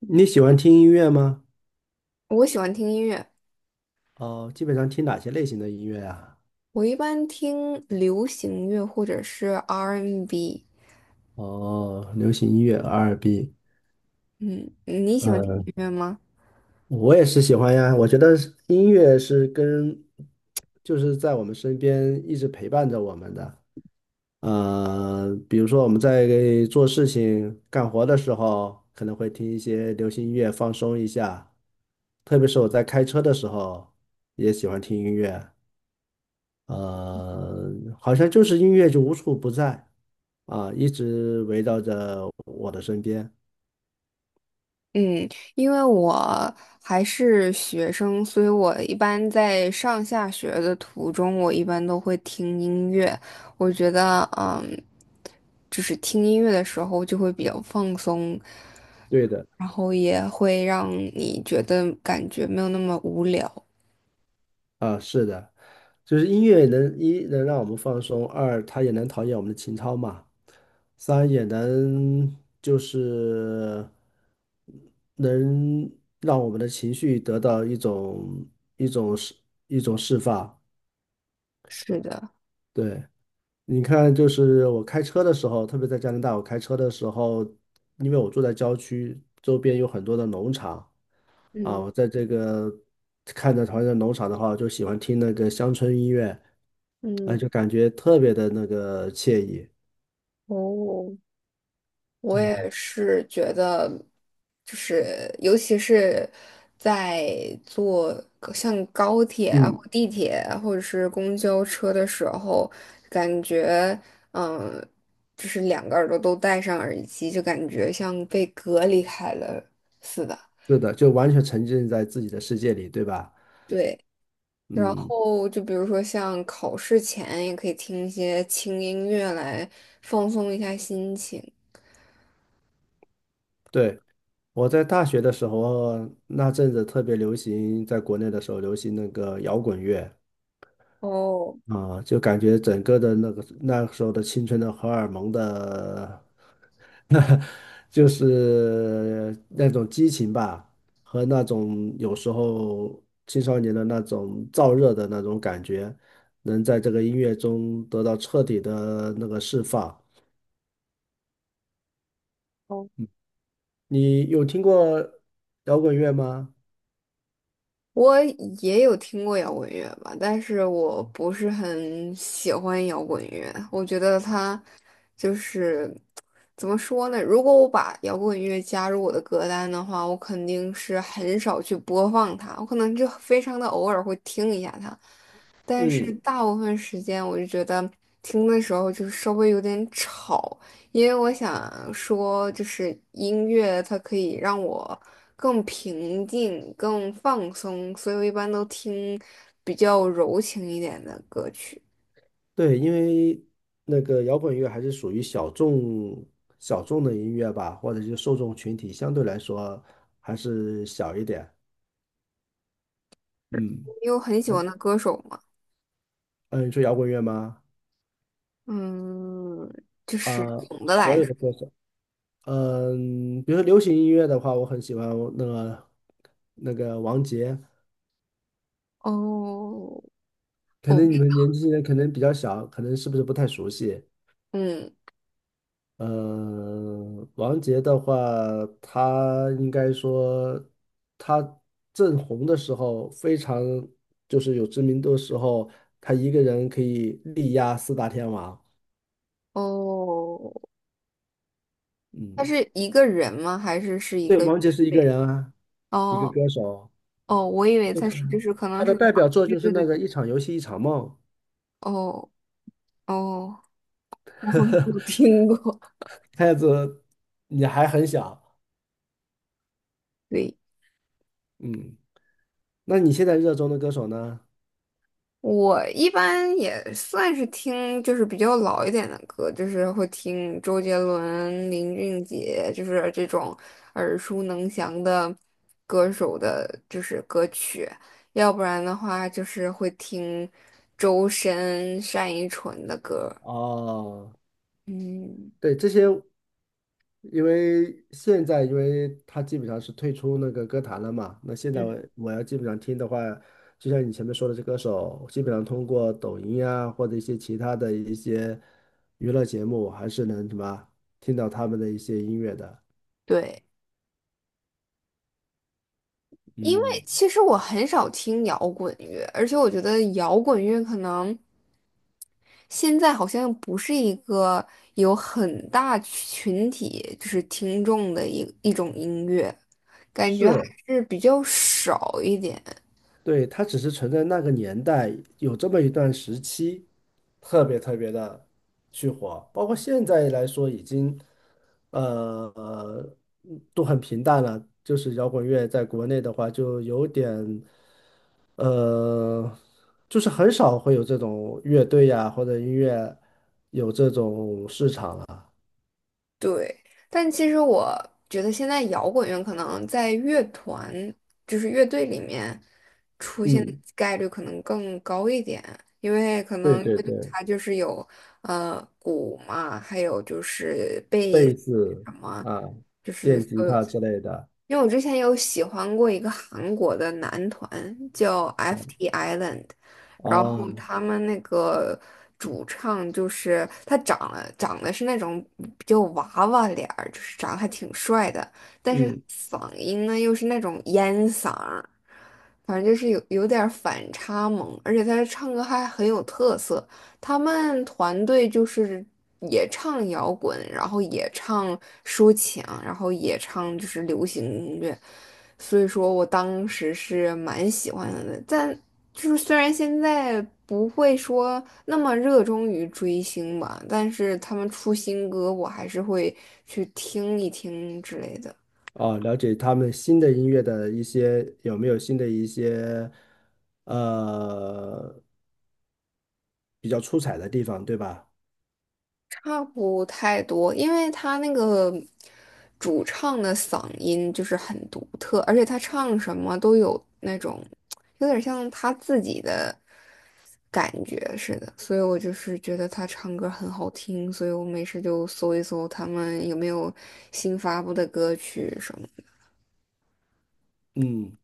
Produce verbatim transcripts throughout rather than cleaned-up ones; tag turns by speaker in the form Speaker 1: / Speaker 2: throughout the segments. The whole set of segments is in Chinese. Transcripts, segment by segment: Speaker 1: 你喜欢听音乐吗？
Speaker 2: 我喜欢听音乐，
Speaker 1: 哦，基本上听哪些类型的音乐啊？
Speaker 2: 我一般听流行乐或者是 R&B。
Speaker 1: 哦，流行音乐、R&B。
Speaker 2: 嗯，你喜欢听
Speaker 1: 嗯，
Speaker 2: 音乐吗？
Speaker 1: 我也是喜欢呀。我觉得是音乐是跟，就是在我们身边一直陪伴着我们的。呃，比如说我们在做事情、干活的时候，可能会听一些流行音乐放松一下。特别是我在开车的时候，也喜欢听音乐。呃，好像就是音乐就无处不在啊，一直围绕着我的身边。
Speaker 2: 嗯，因为我还是学生，所以我一般在上下学的途中，我一般都会听音乐。我觉得，嗯，就是听音乐的时候就会比较放松，
Speaker 1: 对的，
Speaker 2: 然后也会让你觉得感觉没有那么无聊。
Speaker 1: 啊，是的，就是音乐能一能让我们放松，二它也能陶冶我们的情操嘛，三也能就是能让我们的情绪得到一种一种释一种释放。
Speaker 2: 是的，
Speaker 1: 对，你看，就是我开车的时候，特别在加拿大，我开车的时候，因为我住在郊区，周边有很多的农场啊，
Speaker 2: 嗯。
Speaker 1: 我在这个看着旁边的农场的话，我就喜欢听那个乡村音乐，
Speaker 2: 嗯
Speaker 1: 啊，就
Speaker 2: 嗯，
Speaker 1: 感觉特别的那个惬意。
Speaker 2: 哦，我也是觉得，就是尤其是在坐高像高铁啊、或
Speaker 1: 嗯，
Speaker 2: 地铁啊或者是公交车的时候，感觉嗯，就是两个耳朵都戴上耳机，就感觉像被隔离开了似的。
Speaker 1: 是的，就完全沉浸在自己的世界里，对吧？
Speaker 2: 对，然
Speaker 1: 嗯，
Speaker 2: 后就比如说像考试前也可以听一些轻音乐来放松一下心情。
Speaker 1: 对。我在大学的时候，那阵子特别流行，在国内的时候流行那个摇滚乐。
Speaker 2: 哦
Speaker 1: 啊，就感觉整个的那个那时候的青春的荷尔蒙的，就是那种激情吧，和那种有时候青少年的那种燥热的那种感觉，能在这个音乐中得到彻底的那个释放。
Speaker 2: 哦，
Speaker 1: 你有听过摇滚乐吗？
Speaker 2: 我也有听过摇滚乐吧，但是我不是很喜欢摇滚乐。我觉得它就是怎么说呢？如果我把摇滚乐加入我的歌单的话，我肯定是很少去播放它，我可能就非常的偶尔会听一下它，但是
Speaker 1: 嗯。
Speaker 2: 大部分时间我就觉得听的时候就稍微有点吵，因为我想说，就是音乐它可以让我更平静、更放松，所以我一般都听比较柔情一点的歌曲。
Speaker 1: 对，因为那个摇滚乐还是属于小众小众的音乐吧，或者是受众群体相对来说还是小一点。嗯，
Speaker 2: 你有很喜欢的歌手吗？
Speaker 1: 嗯，你说摇滚乐吗？
Speaker 2: 嗯，就是
Speaker 1: 啊、
Speaker 2: 总的
Speaker 1: 所
Speaker 2: 来
Speaker 1: 有
Speaker 2: 说，
Speaker 1: 的歌手，嗯、比如说流行音乐的话，我很喜欢那个那个王杰，
Speaker 2: 哦，
Speaker 1: 可
Speaker 2: 哦
Speaker 1: 能你们年轻人可能比较小，可能是不是不太熟悉？
Speaker 2: 嗯，
Speaker 1: 呃，王杰的话，他应该说他正红的时候，非常就是有知名度的时候，他一个人可以力压四大天王。
Speaker 2: 哦，他
Speaker 1: 嗯，
Speaker 2: 是一个人吗？还是是一
Speaker 1: 对，
Speaker 2: 个乐
Speaker 1: 王杰是一个
Speaker 2: 队？
Speaker 1: 人啊，一个
Speaker 2: 哦
Speaker 1: 歌手，
Speaker 2: 哦，我以为他是就是可
Speaker 1: 他
Speaker 2: 能
Speaker 1: 的
Speaker 2: 是，
Speaker 1: 代表作
Speaker 2: 对
Speaker 1: 就是
Speaker 2: 对
Speaker 1: 那
Speaker 2: 对，
Speaker 1: 个《一场游戏一场梦》。
Speaker 2: 哦哦，我好像没有听过。
Speaker 1: 看样子你还很小，
Speaker 2: 对。
Speaker 1: 嗯，那你现在热衷的歌手呢？
Speaker 2: 我一般也算是听，就是比较老一点的歌，就是会听周杰伦、林俊杰，就是这种耳熟能详的歌手的，就是歌曲。要不然的话，就是会听周深、单依纯的歌。
Speaker 1: 哦。
Speaker 2: 嗯，
Speaker 1: 对，这些，因为现在因为他基本上是退出那个歌坛了嘛，那现在我我要基本上听的话，就像你前面说的，这歌手基本上通过抖音啊或者一些其他的一些娱乐节目，还是能什么听到他们的一些音乐的。
Speaker 2: 对，因为
Speaker 1: 嗯，
Speaker 2: 其实我很少听摇滚乐，而且我觉得摇滚乐可能。现在好像不是一个有很大群体就是听众的一一种音乐，感觉还
Speaker 1: 是，
Speaker 2: 是比较少一点。
Speaker 1: 对，它只是存在那个年代有这么一段时期，特别特别的去火，包括现在来说已经呃呃都很平淡了。就是摇滚乐在国内的话，就有点呃，就是很少会有这种乐队呀、或者音乐有这种市场了。
Speaker 2: 对，但其实我觉得现在摇滚乐可能在乐团，就是乐队里面出现的
Speaker 1: 嗯，
Speaker 2: 概率可能更高一点，因为可
Speaker 1: 对
Speaker 2: 能
Speaker 1: 对
Speaker 2: 乐队
Speaker 1: 对，
Speaker 2: 它就是有呃鼓嘛，还有就是贝
Speaker 1: 贝
Speaker 2: 斯
Speaker 1: 斯
Speaker 2: 什么。
Speaker 1: 啊、
Speaker 2: 就是
Speaker 1: 电
Speaker 2: 所
Speaker 1: 吉
Speaker 2: 有。
Speaker 1: 他之类的。
Speaker 2: 因为我之前有喜欢过一个韩国的男团，叫 F T Island，然
Speaker 1: 哦，
Speaker 2: 后他们那个主唱就是他长了长得是那种比较娃娃脸儿，就是长得还挺帅的，但是
Speaker 1: 嗯。
Speaker 2: 嗓音呢又是那种烟嗓儿，反正就是有有点儿反差萌，而且他唱歌还很有特色。他们团队就是也唱摇滚，然后也唱抒情，然后也唱就是流行音乐，所以说我当时是蛮喜欢的。但就是虽然现在不会说那么热衷于追星吧，但是他们出新歌，我还是会去听一听之类的。
Speaker 1: 哦，了解他们新的音乐的一些有没有新的一些呃比较出彩的地方，对吧？
Speaker 2: 差不太多，因为他那个主唱的嗓音就是很独特，而且他唱什么都有那种有点像他自己的感觉似的，所以我就是觉得他唱歌很好听，所以我没事就搜一搜他们有没有新发布的歌曲什么的。
Speaker 1: 嗯，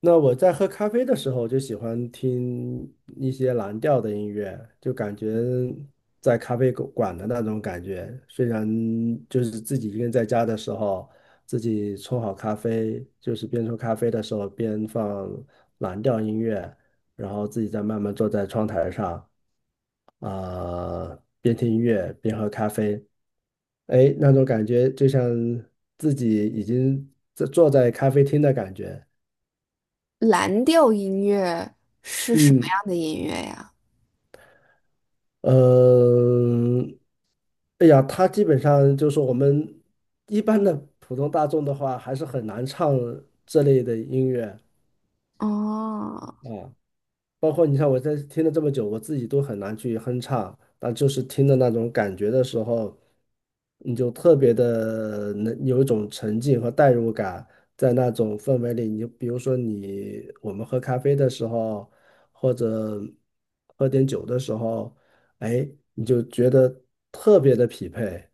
Speaker 1: 那我在喝咖啡的时候就喜欢听一些蓝调的音乐，就感觉在咖啡馆馆的那种感觉。虽然就是自己一个人在家的时候，自己冲好咖啡，就是边冲咖啡的时候边放蓝调音乐，然后自己再慢慢坐在窗台上。啊、边听音乐边喝咖啡，哎，那种感觉就像自己已经在坐在咖啡厅的感觉。
Speaker 2: 蓝调音乐是什么
Speaker 1: 嗯，
Speaker 2: 样的音乐呀？
Speaker 1: 嗯，哎呀，他基本上就是我们一般的普通大众的话，还是很难唱这类的音乐。
Speaker 2: 哦
Speaker 1: 啊。包括你像我在听了这么久，我自己都很难去哼唱，但就是听的那种感觉的时候，你就特别的能有一种沉浸和代入感，在那种氛围里，你就比如说你我们喝咖啡的时候，或者喝点酒的时候，哎，你就觉得特别的匹配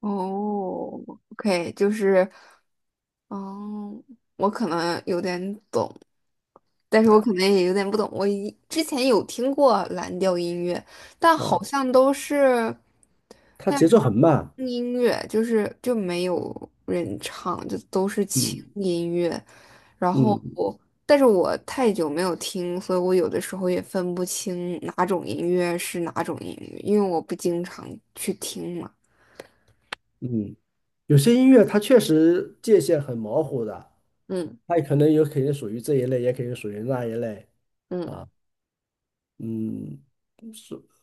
Speaker 2: 哦，OK，就是。哦，我可能有点懂，但是我可能也有点不懂。我一之前有听过蓝调音乐，但
Speaker 1: 啊，
Speaker 2: 好像都是
Speaker 1: 它
Speaker 2: 那
Speaker 1: 节奏
Speaker 2: 种
Speaker 1: 很慢，
Speaker 2: 轻音乐，就是就没有人唱，就都是轻
Speaker 1: 嗯
Speaker 2: 音乐。然后
Speaker 1: 嗯。
Speaker 2: 我，但是我太久没有听，所以我有的时候也分不清哪种音乐是哪种音乐，因为我不经常去听嘛。
Speaker 1: 嗯，有些音乐它确实界限很模糊的，
Speaker 2: 嗯
Speaker 1: 它也可能有肯定属于这一类，也肯定属于那一类
Speaker 2: 嗯。
Speaker 1: 啊。嗯，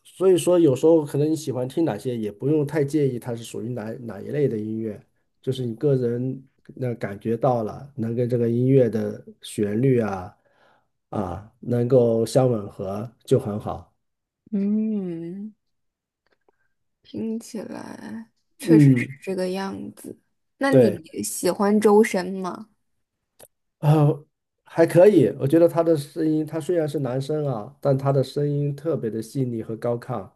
Speaker 1: 所以说有时候可能你喜欢听哪些，也不用太介意它是属于哪哪一类的音乐，就是你个人那感觉到了，能跟这个音乐的旋律啊啊能够相吻合就很好。
Speaker 2: 嗯听起来确实是
Speaker 1: 嗯，
Speaker 2: 这个样子。那
Speaker 1: 对。
Speaker 2: 你喜欢周深吗？
Speaker 1: 呃，还可以，我觉得他的声音，他虽然是男生啊，但他的声音特别的细腻和高亢。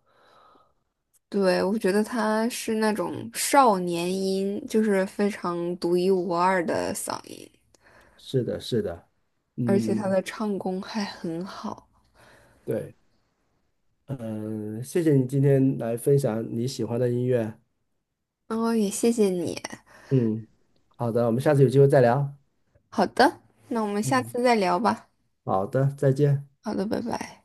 Speaker 2: 对，我觉得他是那种少年音，就是非常独一无二的嗓音，
Speaker 1: 是的，是的，
Speaker 2: 而且他
Speaker 1: 嗯，
Speaker 2: 的唱功还很好。
Speaker 1: 对，嗯，谢谢你今天来分享你喜欢的音乐。
Speaker 2: 然后也谢谢你。
Speaker 1: 嗯，好的，我们下次有机会再聊。
Speaker 2: 好的，那我们下
Speaker 1: 嗯，
Speaker 2: 次再聊吧。
Speaker 1: 好的，再见。
Speaker 2: 好的，拜拜。